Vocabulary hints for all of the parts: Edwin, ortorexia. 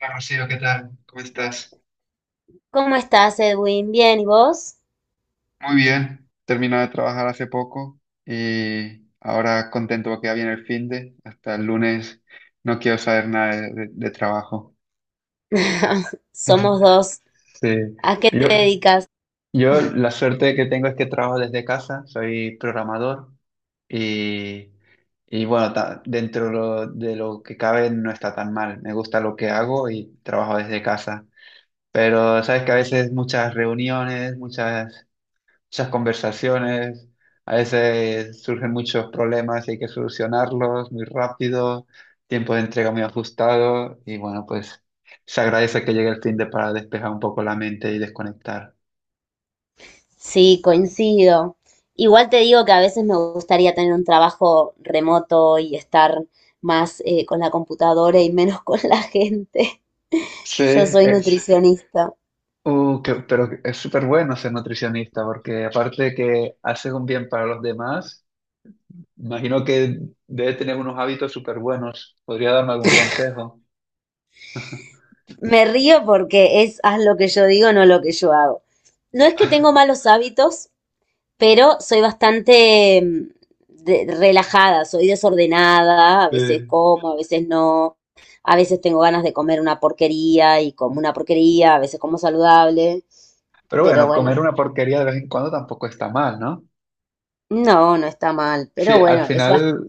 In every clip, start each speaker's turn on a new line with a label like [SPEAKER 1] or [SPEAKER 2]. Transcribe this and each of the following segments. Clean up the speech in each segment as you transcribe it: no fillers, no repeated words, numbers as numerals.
[SPEAKER 1] Hola Rocío, ¿qué tal? ¿Cómo estás?
[SPEAKER 2] ¿Cómo estás, Edwin? Bien, ¿y vos?
[SPEAKER 1] Muy bien, termino de trabajar hace poco y ahora contento porque ya viene el fin hasta el lunes no quiero saber nada de trabajo.
[SPEAKER 2] Somos dos.
[SPEAKER 1] Sí,
[SPEAKER 2] ¿A qué
[SPEAKER 1] yo,
[SPEAKER 2] te dedicas?
[SPEAKER 1] yo la suerte que tengo es que trabajo desde casa, soy programador y, y bueno, dentro de lo que cabe no está tan mal, me gusta lo que hago y trabajo desde casa. Pero sabes que a veces muchas reuniones, muchas conversaciones, a veces surgen muchos problemas y hay que solucionarlos muy rápido, tiempo de entrega muy ajustado y bueno, pues se agradece que llegue el fin de para despejar un poco la mente y desconectar.
[SPEAKER 2] Sí, coincido. Igual te digo que a veces me gustaría tener un trabajo remoto y estar más con la computadora y menos con la gente.
[SPEAKER 1] Sí,
[SPEAKER 2] Yo soy nutricionista.
[SPEAKER 1] pero es súper bueno ser nutricionista porque aparte de que hace un bien para los demás, imagino que debe tener unos hábitos súper buenos. ¿Podría darme algún consejo?
[SPEAKER 2] Me río porque es haz lo que yo digo, no lo que yo hago. No es que tengo malos hábitos, pero soy bastante relajada, soy desordenada, a veces
[SPEAKER 1] Sí.
[SPEAKER 2] como, a veces no, a veces tengo ganas de comer una porquería y como una porquería, a veces como saludable,
[SPEAKER 1] Pero
[SPEAKER 2] pero
[SPEAKER 1] bueno,
[SPEAKER 2] bueno,
[SPEAKER 1] comer una porquería de vez en cuando tampoco está mal, ¿no?
[SPEAKER 2] no, no está mal,
[SPEAKER 1] Sí,
[SPEAKER 2] pero bueno,
[SPEAKER 1] al
[SPEAKER 2] es bastante.
[SPEAKER 1] final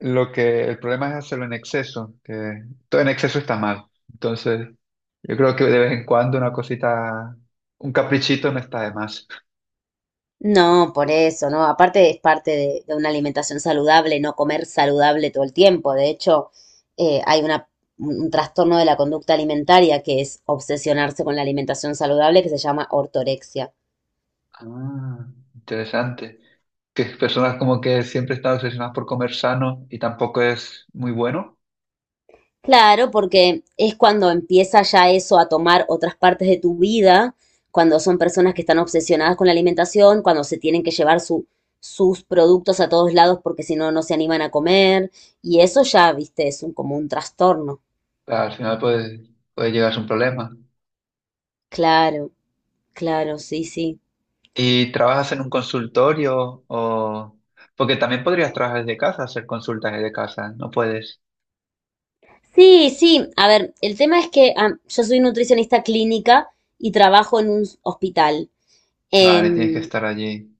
[SPEAKER 1] lo que el problema es hacerlo en exceso, que todo en exceso está mal. Entonces, yo creo que de vez en cuando una cosita, un caprichito no está de más.
[SPEAKER 2] No, por eso, ¿no? Aparte es parte de una alimentación saludable, no comer saludable todo el tiempo. De hecho, hay un trastorno de la conducta alimentaria que es obsesionarse con la alimentación saludable que se llama ortorexia.
[SPEAKER 1] Ah, interesante. Que personas como que siempre están obsesionadas por comer sano y tampoco es muy bueno,
[SPEAKER 2] Claro, porque es cuando empieza ya eso a tomar otras partes de tu vida, cuando son personas que están obsesionadas con la alimentación, cuando se tienen que llevar sus productos a todos lados porque si no, no se animan a comer. Y eso ya, viste, es como un trastorno.
[SPEAKER 1] al final puede llegar a ser un problema.
[SPEAKER 2] Claro, claro, sí, sí.
[SPEAKER 1] ¿Y trabajas en un consultorio o...? Porque también podrías trabajar desde casa, hacer consultas desde casa, no puedes.
[SPEAKER 2] Sí, sí. A ver, el tema es que yo soy nutricionista clínica y trabajo en un hospital.
[SPEAKER 1] Vale, tienes que
[SPEAKER 2] Em,
[SPEAKER 1] estar allí.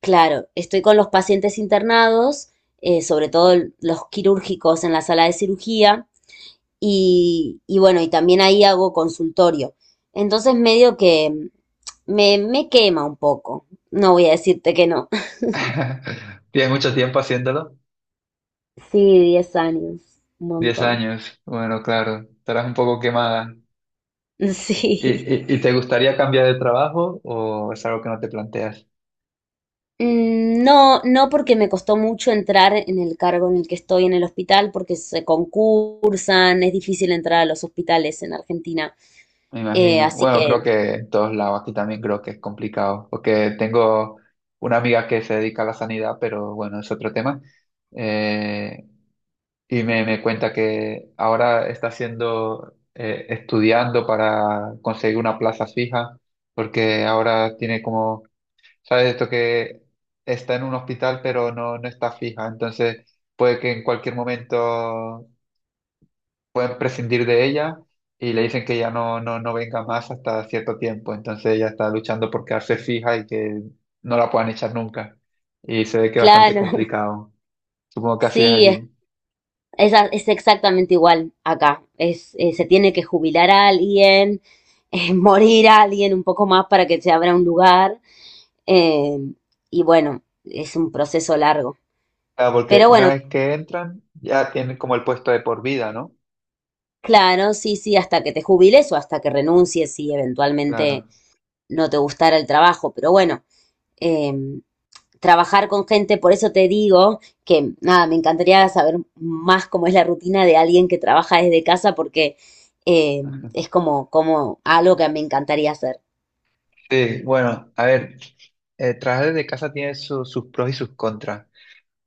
[SPEAKER 2] Claro, estoy con los pacientes internados, sobre todo los quirúrgicos en la sala de cirugía, y bueno, y también ahí hago consultorio. Entonces medio que me quema un poco, no voy a decirte que no.
[SPEAKER 1] Tienes mucho tiempo haciéndolo.
[SPEAKER 2] Sí, 10 años, un
[SPEAKER 1] Diez
[SPEAKER 2] montón.
[SPEAKER 1] años. Bueno, claro, estarás un poco quemada.
[SPEAKER 2] Sí.
[SPEAKER 1] Y te gustaría cambiar de trabajo o es algo que no te planteas?
[SPEAKER 2] No, no porque me costó mucho entrar en el cargo en el que estoy en el hospital, porque se concursan, es difícil entrar a los hospitales en Argentina.
[SPEAKER 1] Me imagino.
[SPEAKER 2] Así
[SPEAKER 1] Bueno, creo
[SPEAKER 2] que,
[SPEAKER 1] que en todos lados aquí también creo que es complicado, porque tengo una amiga que se dedica a la sanidad, pero bueno, es otro tema. Eh, y me cuenta que ahora está haciendo, estudiando para conseguir una plaza fija, porque ahora tiene como ¿Sabes esto que está en un hospital pero no está fija? Entonces puede que en cualquier momento pueden prescindir de ella y le dicen que ya no venga más hasta cierto tiempo. Entonces ella está luchando por quedarse fija y que no la puedan echar nunca. Y se ve que es bastante
[SPEAKER 2] claro.
[SPEAKER 1] complicado. Supongo que así es
[SPEAKER 2] Sí,
[SPEAKER 1] allí.
[SPEAKER 2] es es exactamente igual acá. Es, se tiene que jubilar a alguien, morir a alguien un poco más para que se abra un lugar. eh, y bueno, es un proceso largo.
[SPEAKER 1] Claro, porque
[SPEAKER 2] Pero
[SPEAKER 1] una
[SPEAKER 2] bueno,
[SPEAKER 1] vez que entran ya tienen como el puesto de por vida, ¿no?
[SPEAKER 2] claro, sí, sí, hasta que te jubiles o hasta que renuncies y eventualmente
[SPEAKER 1] Claro.
[SPEAKER 2] no te gustara el trabajo. Pero bueno, eh, trabajar con gente, por eso te digo que nada, me encantaría saber más cómo es la rutina de alguien que trabaja desde casa porque eh, es como, como algo que me encantaría hacer.
[SPEAKER 1] Sí, bueno, a ver, el trabajar de casa tiene sus pros y sus contras.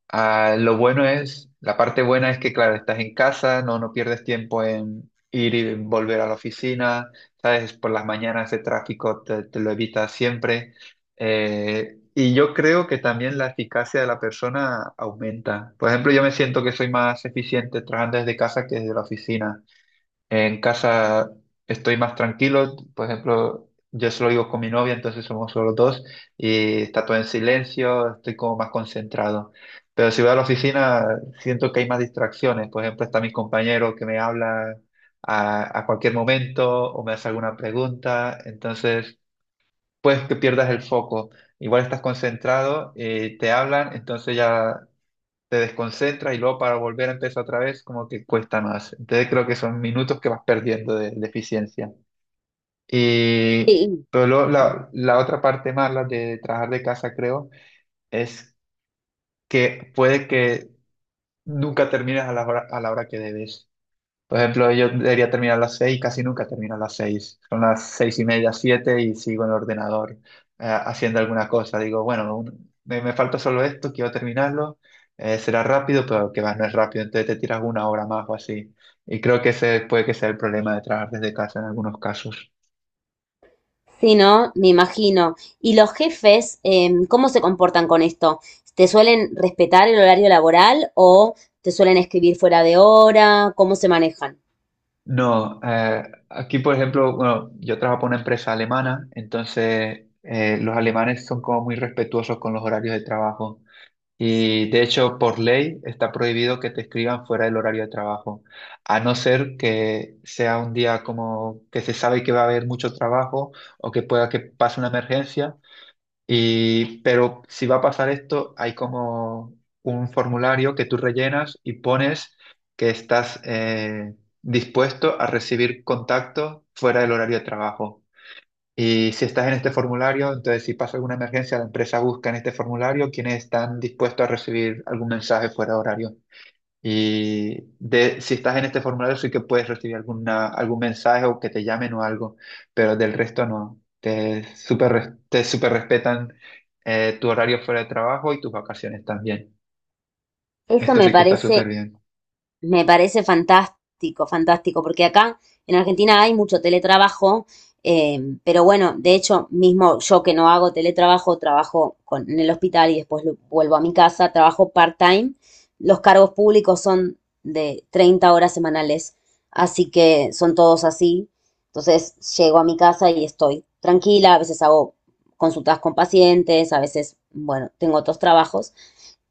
[SPEAKER 1] Ah, lo bueno es, la parte buena es que, claro, estás en casa, no pierdes tiempo en ir y volver a la oficina, ¿sabes? Por las mañanas de tráfico te lo evitas siempre. Y yo creo que también la eficacia de la persona aumenta. Por ejemplo, yo me siento que soy más eficiente trabajando desde casa que desde la oficina. En casa estoy más tranquilo, por ejemplo, yo solo vivo con mi novia, entonces somos solo dos y está todo en silencio, estoy como más concentrado. Pero si voy a la oficina, siento que hay más distracciones. Por ejemplo, está mi compañero que me habla a cualquier momento o me hace alguna pregunta, entonces puedes que pierdas el foco. Igual estás concentrado, te hablan, entonces ya te desconcentras y luego para volver a empezar otra vez como que cuesta más. Entonces creo que son minutos que vas perdiendo de eficiencia. Y
[SPEAKER 2] Sí,
[SPEAKER 1] pero luego la otra parte mala de trabajar de casa creo es que puede que nunca termines a la hora que debes. Por ejemplo, yo debería terminar a las seis, casi nunca termino a las seis. Son las seis y media, siete y sigo en el ordenador haciendo alguna cosa. Digo, bueno, me falta solo esto, quiero terminarlo. Será rápido, pero que va, no es rápido. Entonces te tiras una hora más o así. Y creo que ese puede que sea el problema de trabajar desde casa en algunos casos.
[SPEAKER 2] sí, ¿no? Me imagino. ¿Y los jefes, cómo se comportan con esto? ¿Te suelen respetar el horario laboral o te suelen escribir fuera de hora? ¿Cómo se manejan?
[SPEAKER 1] No, Aquí por ejemplo, bueno, yo trabajo para una empresa alemana, entonces los alemanes son como muy respetuosos con los horarios de trabajo. Y de hecho, por ley está prohibido que te escriban fuera del horario de trabajo, a no ser que sea un día como que se sabe que va a haber mucho trabajo o que pueda que pase una emergencia. Pero si va a pasar esto, hay como un formulario que tú rellenas y pones que estás dispuesto a recibir contacto fuera del horario de trabajo. Y si estás en este formulario, entonces si pasa alguna emergencia, la empresa busca en este formulario quienes están dispuestos a recibir algún mensaje fuera de horario. Y si estás en este formulario, sí que puedes recibir algún mensaje o que te llamen o algo, pero del resto no. Te súper respetan tu horario fuera de trabajo y tus vacaciones también.
[SPEAKER 2] Eso
[SPEAKER 1] Esto
[SPEAKER 2] me
[SPEAKER 1] sí que está
[SPEAKER 2] parece.
[SPEAKER 1] súper bien.
[SPEAKER 2] Me parece fantástico, fantástico, porque acá en Argentina hay mucho teletrabajo, pero bueno, de hecho, mismo yo que no hago teletrabajo, trabajo con, en el hospital y después vuelvo a mi casa, trabajo part-time. Los cargos públicos son de 30 horas semanales, así que son todos así. Entonces, llego a mi casa y estoy tranquila, a veces hago consultas con pacientes, a veces, bueno, tengo otros trabajos.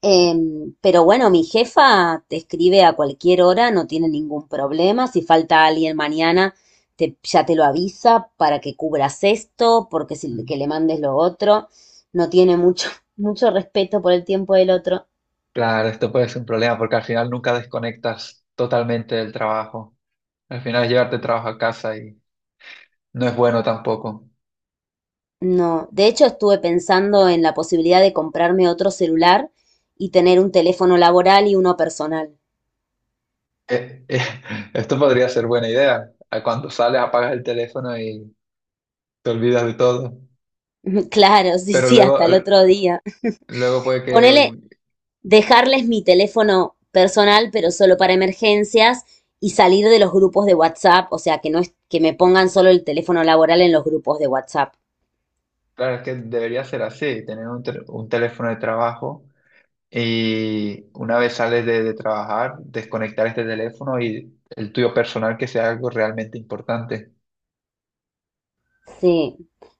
[SPEAKER 2] Pero bueno, mi jefa te escribe a cualquier hora, no tiene ningún problema. Si falta alguien mañana, ya te lo avisa para que cubras esto, porque si
[SPEAKER 1] Mm.
[SPEAKER 2] que le mandes lo otro, no tiene mucho, mucho respeto por el tiempo del otro.
[SPEAKER 1] Claro, esto puede ser un problema porque al final nunca desconectas totalmente del trabajo. Al final es llevarte el trabajo a casa. No es bueno tampoco.
[SPEAKER 2] No, de hecho estuve pensando en la posibilidad de comprarme otro celular y tener un teléfono laboral y uno personal.
[SPEAKER 1] Eh, eh, Esto podría ser buena idea. Ah, cuando sales, apagas el teléfono y te olvidas de todo.
[SPEAKER 2] Claro, sí,
[SPEAKER 1] Pero
[SPEAKER 2] sí,
[SPEAKER 1] luego,
[SPEAKER 2] hasta el otro día.
[SPEAKER 1] luego puede
[SPEAKER 2] Ponele,
[SPEAKER 1] que.
[SPEAKER 2] dejarles mi teléfono personal, pero solo para emergencias, y salir de los grupos de WhatsApp, o sea, que no es que me pongan solo el teléfono laboral en los grupos de WhatsApp.
[SPEAKER 1] Claro, es que debería ser así, tener un teléfono de trabajo y una vez sales de trabajar, desconectar este teléfono y el tuyo personal que sea algo realmente importante.
[SPEAKER 2] Sí.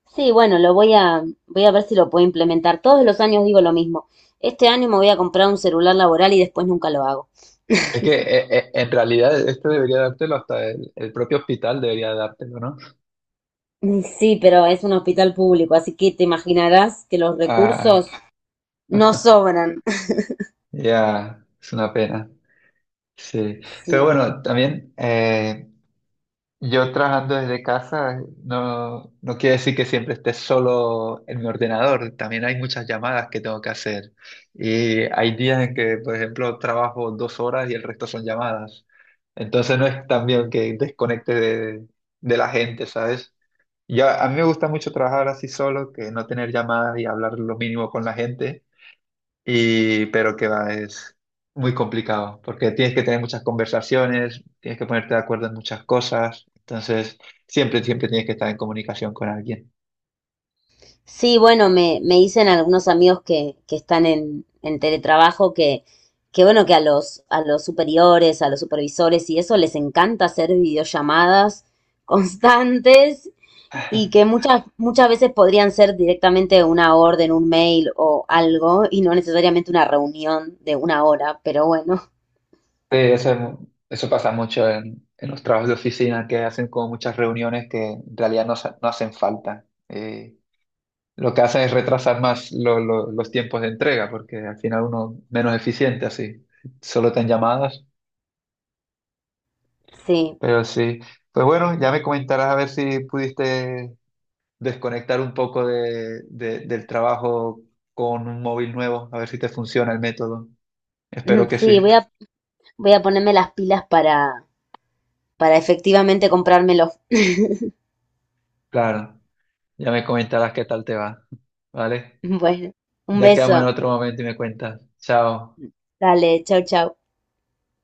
[SPEAKER 2] Sí, bueno, lo voy a ver si lo puedo implementar. Todos los años digo lo mismo. Este año me voy a comprar un celular laboral y después nunca lo hago.
[SPEAKER 1] Es que en realidad esto debería dártelo hasta el propio hospital debería dártelo, ¿no?
[SPEAKER 2] Sí, pero es un hospital público, así que te imaginarás que los recursos
[SPEAKER 1] Ah,
[SPEAKER 2] no sobran.
[SPEAKER 1] ya, es una pena. Sí, pero
[SPEAKER 2] Sí.
[SPEAKER 1] bueno, también yo trabajando desde casa no quiere decir que siempre esté solo en mi ordenador, también hay muchas llamadas que tengo que hacer y hay días en que, por ejemplo, trabajo 2 horas y el resto son llamadas, entonces no es también que desconecte de la gente, ¿sabes? Ya, a mí me gusta mucho trabajar así solo, que no tener llamadas y hablar lo mínimo con la gente. Y, pero que va, es muy complicado, porque tienes que tener muchas conversaciones, tienes que ponerte de acuerdo en muchas cosas, entonces siempre, siempre tienes que estar en comunicación con alguien.
[SPEAKER 2] Sí, bueno, me dicen algunos amigos que están en teletrabajo que bueno, que a los superiores, a los supervisores y eso les encanta hacer videollamadas constantes y que muchas, muchas veces podrían ser directamente una orden, un mail o algo y no necesariamente una reunión de 1 hora, pero bueno,
[SPEAKER 1] Sí, eso, es eso pasa mucho en los trabajos de oficina, que hacen como muchas reuniones que en realidad no hacen falta. Lo que hacen es retrasar más los tiempos de entrega, porque al final uno menos eficiente así, solo te han llamadas,
[SPEAKER 2] sí.
[SPEAKER 1] pero sí. Pues bueno, ya me comentarás a ver si pudiste desconectar un poco del trabajo con un móvil nuevo, a ver si te funciona el método. Espero que
[SPEAKER 2] Sí, voy
[SPEAKER 1] sí.
[SPEAKER 2] a, voy a ponerme las pilas para efectivamente comprármelos.
[SPEAKER 1] Claro, ya me comentarás qué tal te va. ¿Vale?
[SPEAKER 2] Bueno, un
[SPEAKER 1] Ya quedamos en
[SPEAKER 2] beso,
[SPEAKER 1] otro momento y me cuentas. Chao.
[SPEAKER 2] dale, chau, chau.